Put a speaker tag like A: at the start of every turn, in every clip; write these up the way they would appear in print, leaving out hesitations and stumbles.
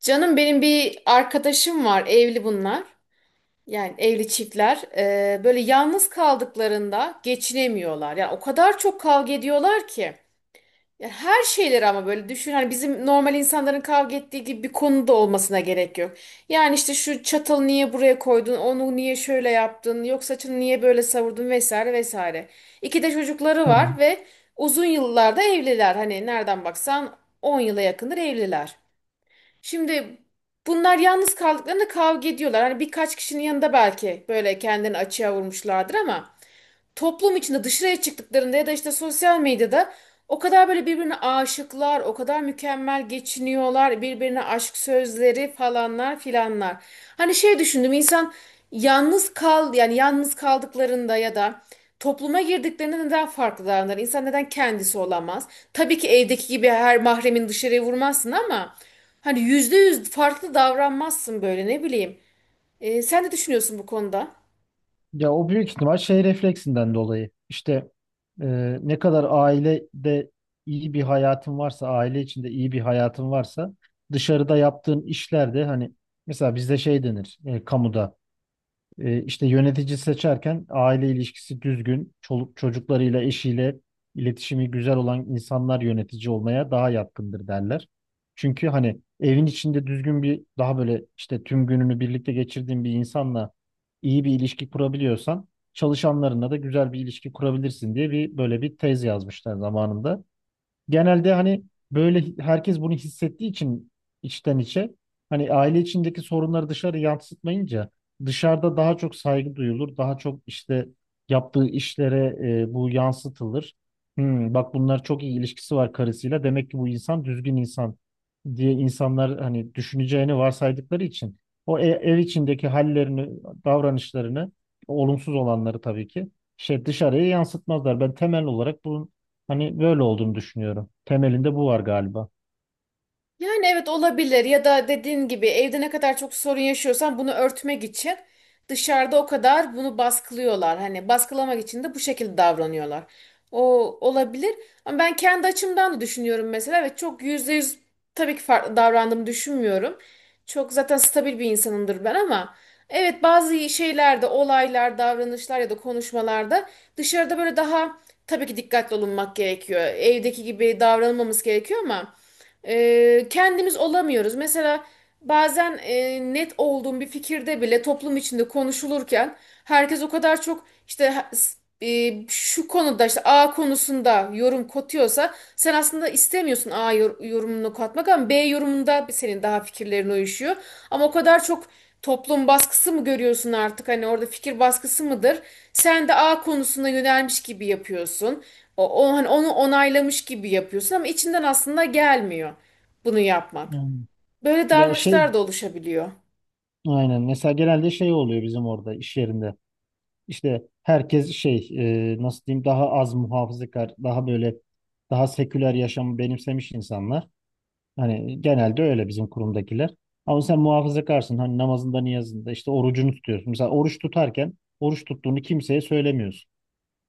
A: Canım benim bir arkadaşım var, evli bunlar. Yani evli çiftler. Böyle yalnız kaldıklarında geçinemiyorlar. Yani o kadar çok kavga ediyorlar ki. Yani her şeyleri ama böyle düşün. Hani bizim normal insanların kavga ettiği gibi bir konuda olmasına gerek yok. Yani işte şu çatalı niye buraya koydun, onu niye şöyle yaptın, yok saçını niye böyle savurdun vesaire vesaire. İki de çocukları
B: Hı.
A: var ve uzun yıllarda evliler. Hani nereden baksan 10 yıla yakındır evliler. Şimdi bunlar yalnız kaldıklarında kavga ediyorlar. Hani birkaç kişinin yanında belki böyle kendini açığa vurmuşlardır ama toplum içinde dışarıya çıktıklarında ya da işte sosyal medyada o kadar böyle birbirine aşıklar, o kadar mükemmel geçiniyorlar, birbirine aşk sözleri falanlar filanlar. Hani şey düşündüm insan yalnız kaldıklarında ya da topluma girdiklerinde neden farklı davranır? İnsan neden kendisi olamaz? Tabii ki evdeki gibi her mahremin dışarıya vurmazsın ama hani yüzde yüz farklı davranmazsın böyle ne bileyim. Sen ne düşünüyorsun bu konuda?
B: Ya o büyük ihtimal şey refleksinden dolayı. İşte e, ne kadar ailede iyi bir hayatın varsa, aile içinde iyi bir hayatın varsa dışarıda yaptığın işler de hani mesela bizde şey denir, kamuda. E, işte yönetici seçerken aile ilişkisi düzgün, çoluk çocuklarıyla, eşiyle iletişimi güzel olan insanlar yönetici olmaya daha yatkındır derler. Çünkü hani evin içinde düzgün bir böyle işte tüm gününü birlikte geçirdiğin bir insanla iyi bir ilişki kurabiliyorsan çalışanlarınla da güzel bir ilişki kurabilirsin diye böyle bir tez yazmışlar zamanında. Genelde hani böyle herkes bunu hissettiği için içten içe hani aile içindeki sorunları dışarı yansıtmayınca dışarıda daha çok saygı duyulur. Daha çok işte yaptığı işlere, bu yansıtılır. Hmm, bak bunlar çok iyi ilişkisi var karısıyla. Demek ki bu insan düzgün insan diye insanlar hani düşüneceğini varsaydıkları için o ev içindeki hallerini, davranışlarını, olumsuz olanları tabii ki şey dışarıya yansıtmazlar. Ben temel olarak bunun hani böyle olduğunu düşünüyorum. Temelinde bu var galiba.
A: Yani evet olabilir ya da dediğin gibi evde ne kadar çok sorun yaşıyorsan bunu örtmek için dışarıda o kadar bunu baskılıyorlar. Hani baskılamak için de bu şekilde davranıyorlar. O olabilir ama ben kendi açımdan da düşünüyorum mesela ve çok yüzde yüz tabii ki farklı davrandığımı düşünmüyorum. Çok zaten stabil bir insanımdır ben ama evet bazı şeylerde olaylar, davranışlar ya da konuşmalarda dışarıda böyle daha tabii ki dikkatli olunmak gerekiyor. Evdeki gibi davranılmamız gerekiyor ama kendimiz olamıyoruz. Mesela bazen net olduğum bir fikirde bile toplum içinde konuşulurken herkes o kadar çok işte şu konuda işte A konusunda yorum katıyorsa sen aslında istemiyorsun A yorumunu katmak ama B yorumunda senin daha fikirlerin uyuşuyor. Ama o kadar çok toplum baskısı mı görüyorsun artık hani orada fikir baskısı mıdır? Sen de A konusuna yönelmiş gibi yapıyorsun. Hani onu onaylamış gibi yapıyorsun ama içinden aslında gelmiyor bunu yapmak.
B: Yani,
A: Böyle
B: ya şey,
A: davranışlar da oluşabiliyor.
B: aynen, mesela genelde şey oluyor bizim orada iş yerinde. İşte herkes şey, nasıl diyeyim, daha az muhafazakar, daha böyle daha seküler yaşamı benimsemiş insanlar. Hani genelde öyle bizim kurumdakiler. Ama sen muhafazakarsın. Hani namazında, niyazında işte orucunu tutuyorsun. Mesela oruç tutarken oruç tuttuğunu kimseye söylemiyorsun.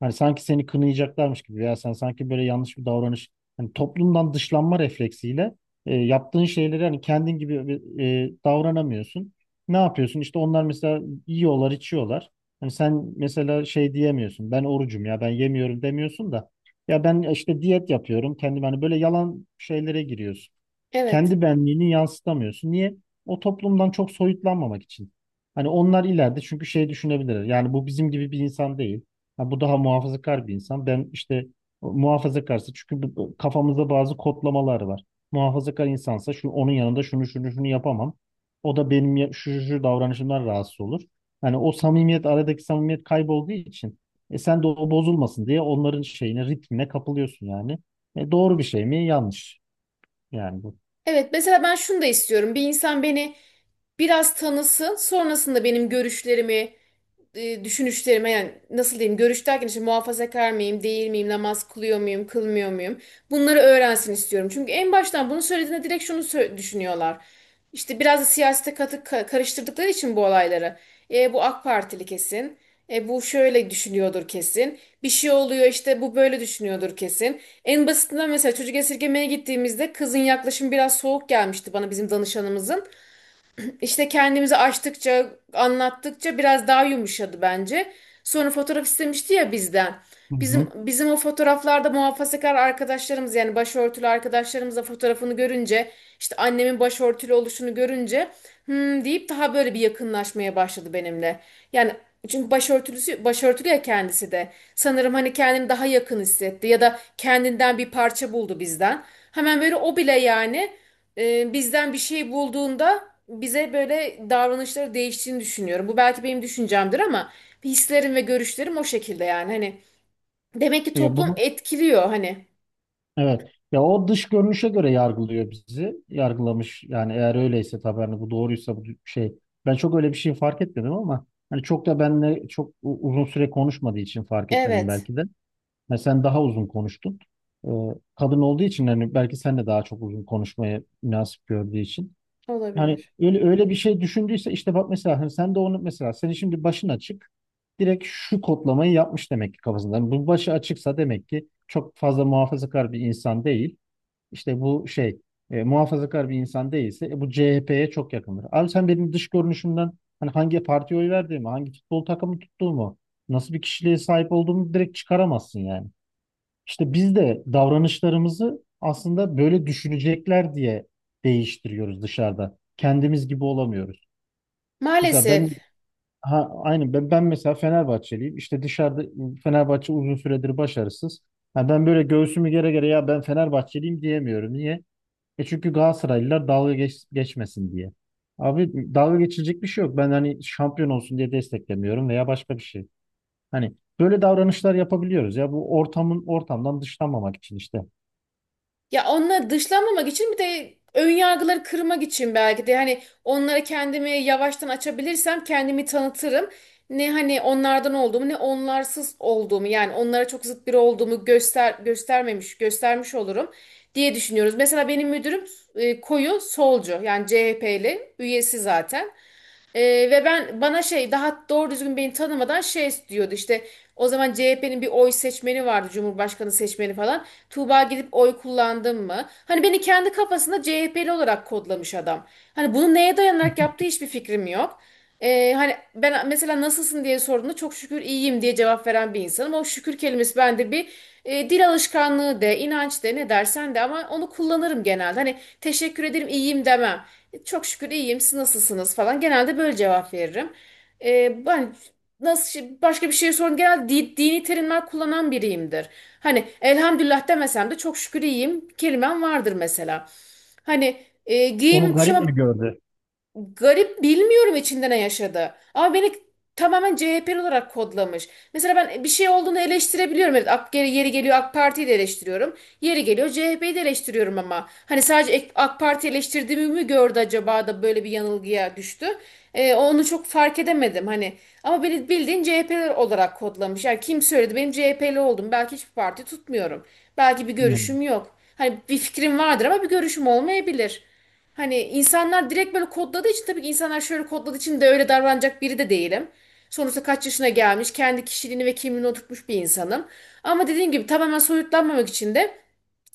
B: Hani sanki seni kınayacaklarmış gibi veya sen sanki böyle yanlış bir davranış, hani toplumdan dışlanma refleksiyle, yaptığın şeyleri, hani kendin gibi davranamıyorsun. Ne yapıyorsun? İşte onlar mesela yiyorlar, içiyorlar. Hani sen mesela şey diyemiyorsun. Ben orucum, ya ben yemiyorum demiyorsun da ya ben işte diyet yapıyorum. Kendim hani böyle yalan şeylere giriyorsun.
A: Evet.
B: Kendi benliğini yansıtamıyorsun. Niye? O toplumdan çok soyutlanmamak için. Hani onlar ileride çünkü şey düşünebilirler. Yani bu bizim gibi bir insan değil. Ha, bu daha muhafazakar bir insan. Ben işte muhafazakarsa çünkü bu kafamızda bazı kodlamalar var. Muhafazakar insansa şu, onun yanında şunu şunu şunu yapamam. O da benim şu şu şu davranışımdan rahatsız olur. Hani o samimiyet, aradaki samimiyet kaybolduğu için e sen de o bozulmasın diye onların şeyine, ritmine kapılıyorsun yani. E doğru bir şey mi? Yanlış yani bu.
A: Evet, mesela ben şunu da istiyorum. Bir insan beni biraz tanısın, sonrasında benim görüşlerimi düşünüşlerime yani nasıl diyeyim görüş derken işte muhafazakar mıyım değil miyim namaz kılıyor muyum kılmıyor muyum bunları öğrensin istiyorum. Çünkü en baştan bunu söylediğinde direkt şunu düşünüyorlar. İşte biraz da siyasete karıştırdıkları için bu olayları. E, bu AK Partili kesin. E, bu şöyle düşünüyordur kesin. Bir şey oluyor işte bu böyle düşünüyordur kesin. En basitinden mesela çocuk esirgemeye gittiğimizde kızın yaklaşımı biraz soğuk gelmişti bana bizim danışanımızın. İşte kendimizi açtıkça, anlattıkça biraz daha yumuşadı bence. Sonra fotoğraf istemişti ya bizden.
B: Hı
A: Bizim
B: hı.
A: bizim o fotoğraflarda muhafazakar arkadaşlarımız yani başörtülü arkadaşlarımızla fotoğrafını görünce işte annemin başörtülü oluşunu görünce hmm deyip daha böyle bir yakınlaşmaya başladı benimle. Yani çünkü başörtülüsü başörtülü ya kendisi de. Sanırım hani kendini daha yakın hissetti ya da kendinden bir parça buldu bizden. Hemen böyle o bile yani bizden bir şey bulduğunda bize böyle davranışları değiştiğini düşünüyorum. Bu belki benim düşüncemdir ama hislerim ve görüşlerim o şekilde yani. Hani demek ki
B: Ya
A: toplum
B: bunu,
A: etkiliyor hani.
B: evet. Ya o dış görünüşe göre yargılıyor bizi. Yargılamış yani, eğer öyleyse tabii, hani bu doğruysa bu şey. Ben çok öyle bir şey fark etmedim ama hani çok da benle çok uzun süre konuşmadığı için fark etmedim
A: Evet,
B: belki de. Mesela sen daha uzun konuştun. Ee, kadın olduğu için hani belki sen de daha çok uzun konuşmaya münasip gördüğü için. Yani
A: olabilir.
B: öyle öyle bir şey düşündüyse, işte bak mesela hani sen de onu, mesela senin şimdi başın açık, direkt şu kodlamayı yapmış demek ki kafasında. Yani bu başı açıksa demek ki çok fazla muhafazakar bir insan değil. İşte bu şey, muhafazakar bir insan değilse, bu CHP'ye çok yakındır. Abi sen benim dış görünüşümden hani hangi partiye oy verdiğimi, hangi futbol takımı tuttuğumu, nasıl bir kişiliğe sahip olduğumu direkt çıkaramazsın yani. İşte biz de davranışlarımızı aslında böyle düşünecekler diye değiştiriyoruz dışarıda. Kendimiz gibi olamıyoruz. Mesela ben,
A: Maalesef.
B: ha aynı ben, ben mesela Fenerbahçeliyim. İşte dışarıda Fenerbahçe uzun süredir başarısız. Ha, ben böyle göğsümü gere gere ya ben Fenerbahçeliyim diyemiyorum. Niye? E çünkü Galatasaraylılar geçmesin diye. Abi dalga geçilecek bir şey yok. Ben hani şampiyon olsun diye desteklemiyorum veya başka bir şey. Hani böyle davranışlar yapabiliyoruz ya bu ortamdan dışlanmamak için işte.
A: Ya onları dışlamamak için bir de ön yargıları kırmak için belki de hani onlara kendimi yavaştan açabilirsem kendimi tanıtırım. Ne hani onlardan olduğumu ne onlarsız olduğumu yani onlara çok zıt biri olduğumu göstermemiş göstermiş olurum diye düşünüyoruz. Mesela benim müdürüm koyu solcu yani CHP'li üyesi zaten. Ve ben bana şey daha doğru düzgün beni tanımadan şey diyordu işte o zaman CHP'nin bir oy seçmeni vardı Cumhurbaşkanı seçmeni falan. Tuğba gidip oy kullandın mı? Hani beni kendi kafasında CHP'li olarak kodlamış adam. Hani bunu neye dayanarak yaptığı hiçbir fikrim yok. Hani ben mesela nasılsın diye sorduğunda çok şükür iyiyim diye cevap veren bir insanım. O şükür kelimesi bende bir dil alışkanlığı de, inanç de, ne dersen de ama onu kullanırım genelde. Hani teşekkür ederim, iyiyim demem. E, çok şükür iyiyim. Siz nasılsınız falan. Genelde böyle cevap veririm. Ben nasıl başka bir şey sorun genel dini terimler kullanan biriyimdir. Hani elhamdülillah demesem de çok şükür iyiyim kelimem vardır mesela. Hani
B: Onu
A: giyimim
B: garip mi
A: kuşamam.
B: gördü?
A: Garip bilmiyorum içinde ne yaşadı. Ama beni tamamen CHP'li olarak kodlamış. Mesela ben bir şey olduğunu eleştirebiliyorum. Evet, AK, yeri geliyor AK Parti'yi de eleştiriyorum. Yeri geliyor CHP'yi de eleştiriyorum ama. Hani sadece AK Parti eleştirdiğimi mi gördü acaba da böyle bir yanılgıya düştü. Onu çok fark edemedim hani. Ama beni bildiğin CHP'li olarak kodlamış. Yani kim söyledi benim CHP'li oldum. Belki hiçbir parti tutmuyorum. Belki bir
B: Yani.
A: görüşüm yok. Hani bir fikrim vardır ama bir görüşüm olmayabilir. Hani insanlar direkt böyle kodladığı için tabii ki insanlar şöyle kodladığı için de öyle davranacak biri de değilim. Sonuçta kaç yaşına gelmiş, kendi kişiliğini ve kimliğini oturtmuş bir insanım. Ama dediğim gibi tamamen soyutlanmamak için de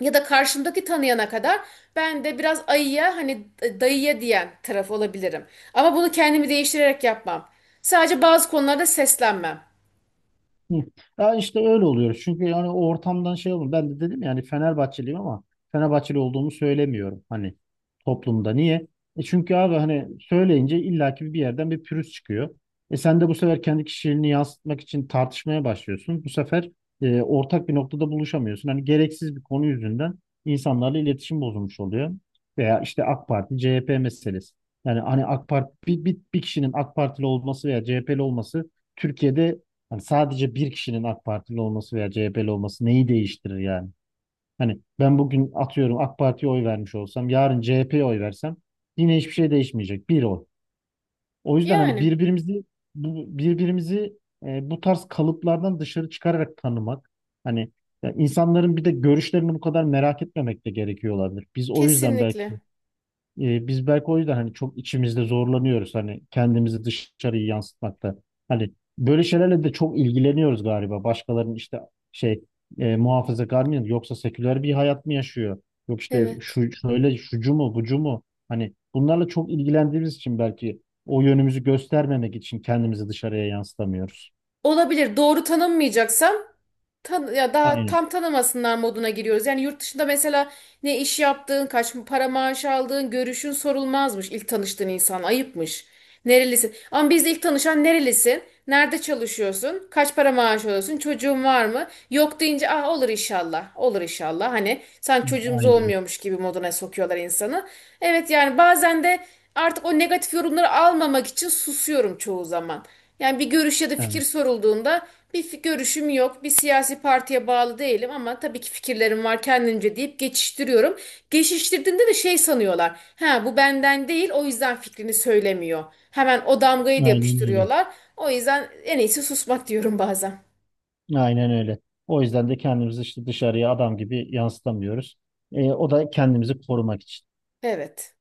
A: ya da karşımdaki tanıyana kadar ben de biraz ayıya hani dayıya diyen taraf olabilirim. Ama bunu kendimi değiştirerek yapmam. Sadece bazı konularda seslenmem.
B: Hı. Ya işte öyle oluyoruz, çünkü yani o ortamdan şey olur. Ben de dedim yani Fenerbahçeliyim ama Fenerbahçeli olduğumu söylemiyorum hani toplumda. Niye? E çünkü abi hani söyleyince illaki bir yerden bir pürüz çıkıyor. E sen de bu sefer kendi kişiliğini yansıtmak için tartışmaya başlıyorsun. Bu sefer, ortak bir noktada buluşamıyorsun. Hani gereksiz bir konu yüzünden insanlarla iletişim bozulmuş oluyor. Veya işte AK Parti, CHP meselesi. Yani hani AK Parti bir kişinin AK Partili olması veya CHP'li olması Türkiye'de, hani sadece bir kişinin AK Partili olması veya CHP'li olması neyi değiştirir yani? Hani ben bugün atıyorum AK Parti'ye oy vermiş olsam, yarın CHP'ye oy versem yine hiçbir şey değişmeyecek. Bir oy. O yüzden hani
A: Yani
B: birbirimizi, bu tarz kalıplardan dışarı çıkararak tanımak. Hani, ya insanların bir de görüşlerini bu kadar merak etmemek de gerekiyor olabilir. Biz o yüzden belki
A: kesinlikle.
B: e, biz belki o yüzden hani çok içimizde zorlanıyoruz hani kendimizi dışarıya yansıtmakta. Hani böyle şeylerle de çok ilgileniyoruz galiba. Başkalarının işte şey, muhafazakar mı yoksa seküler bir hayat mı yaşıyor? Yok işte
A: Evet.
B: şu şöyle, şucu mu bucu mu? Hani bunlarla çok ilgilendiğimiz için belki o yönümüzü göstermemek için kendimizi dışarıya yansıtamıyoruz.
A: Olabilir. Doğru tanınmayacaksam tan ya daha
B: Aynen.
A: tam tanımasınlar moduna giriyoruz. Yani yurt dışında mesela ne iş yaptığın, kaç para maaş aldığın, görüşün sorulmazmış ilk tanıştığın insan ayıpmış. Nerelisin? Ama bizde ilk tanışan nerelisin? Nerede çalışıyorsun? Kaç para maaş alıyorsun? Çocuğun var mı? Yok deyince ah olur inşallah. Olur inşallah. Hani sen çocuğumuz
B: Aynen.
A: olmuyormuş gibi moduna sokuyorlar insanı. Evet yani bazen de artık o negatif yorumları almamak için susuyorum çoğu zaman. Yani bir görüş ya da fikir
B: Aynen.
A: sorulduğunda bir görüşüm yok. Bir siyasi partiye bağlı değilim ama tabii ki fikirlerim var kendimce deyip geçiştiriyorum. Geçiştirdiğinde de şey sanıyorlar. Ha bu benden değil o yüzden fikrini söylemiyor. Hemen o damgayı da
B: Aynen öyle.
A: yapıştırıyorlar. O yüzden en iyisi susmak diyorum bazen.
B: Aynen öyle. O yüzden de kendimizi işte dışarıya adam gibi yansıtamıyoruz. O da kendimizi korumak için.
A: Evet.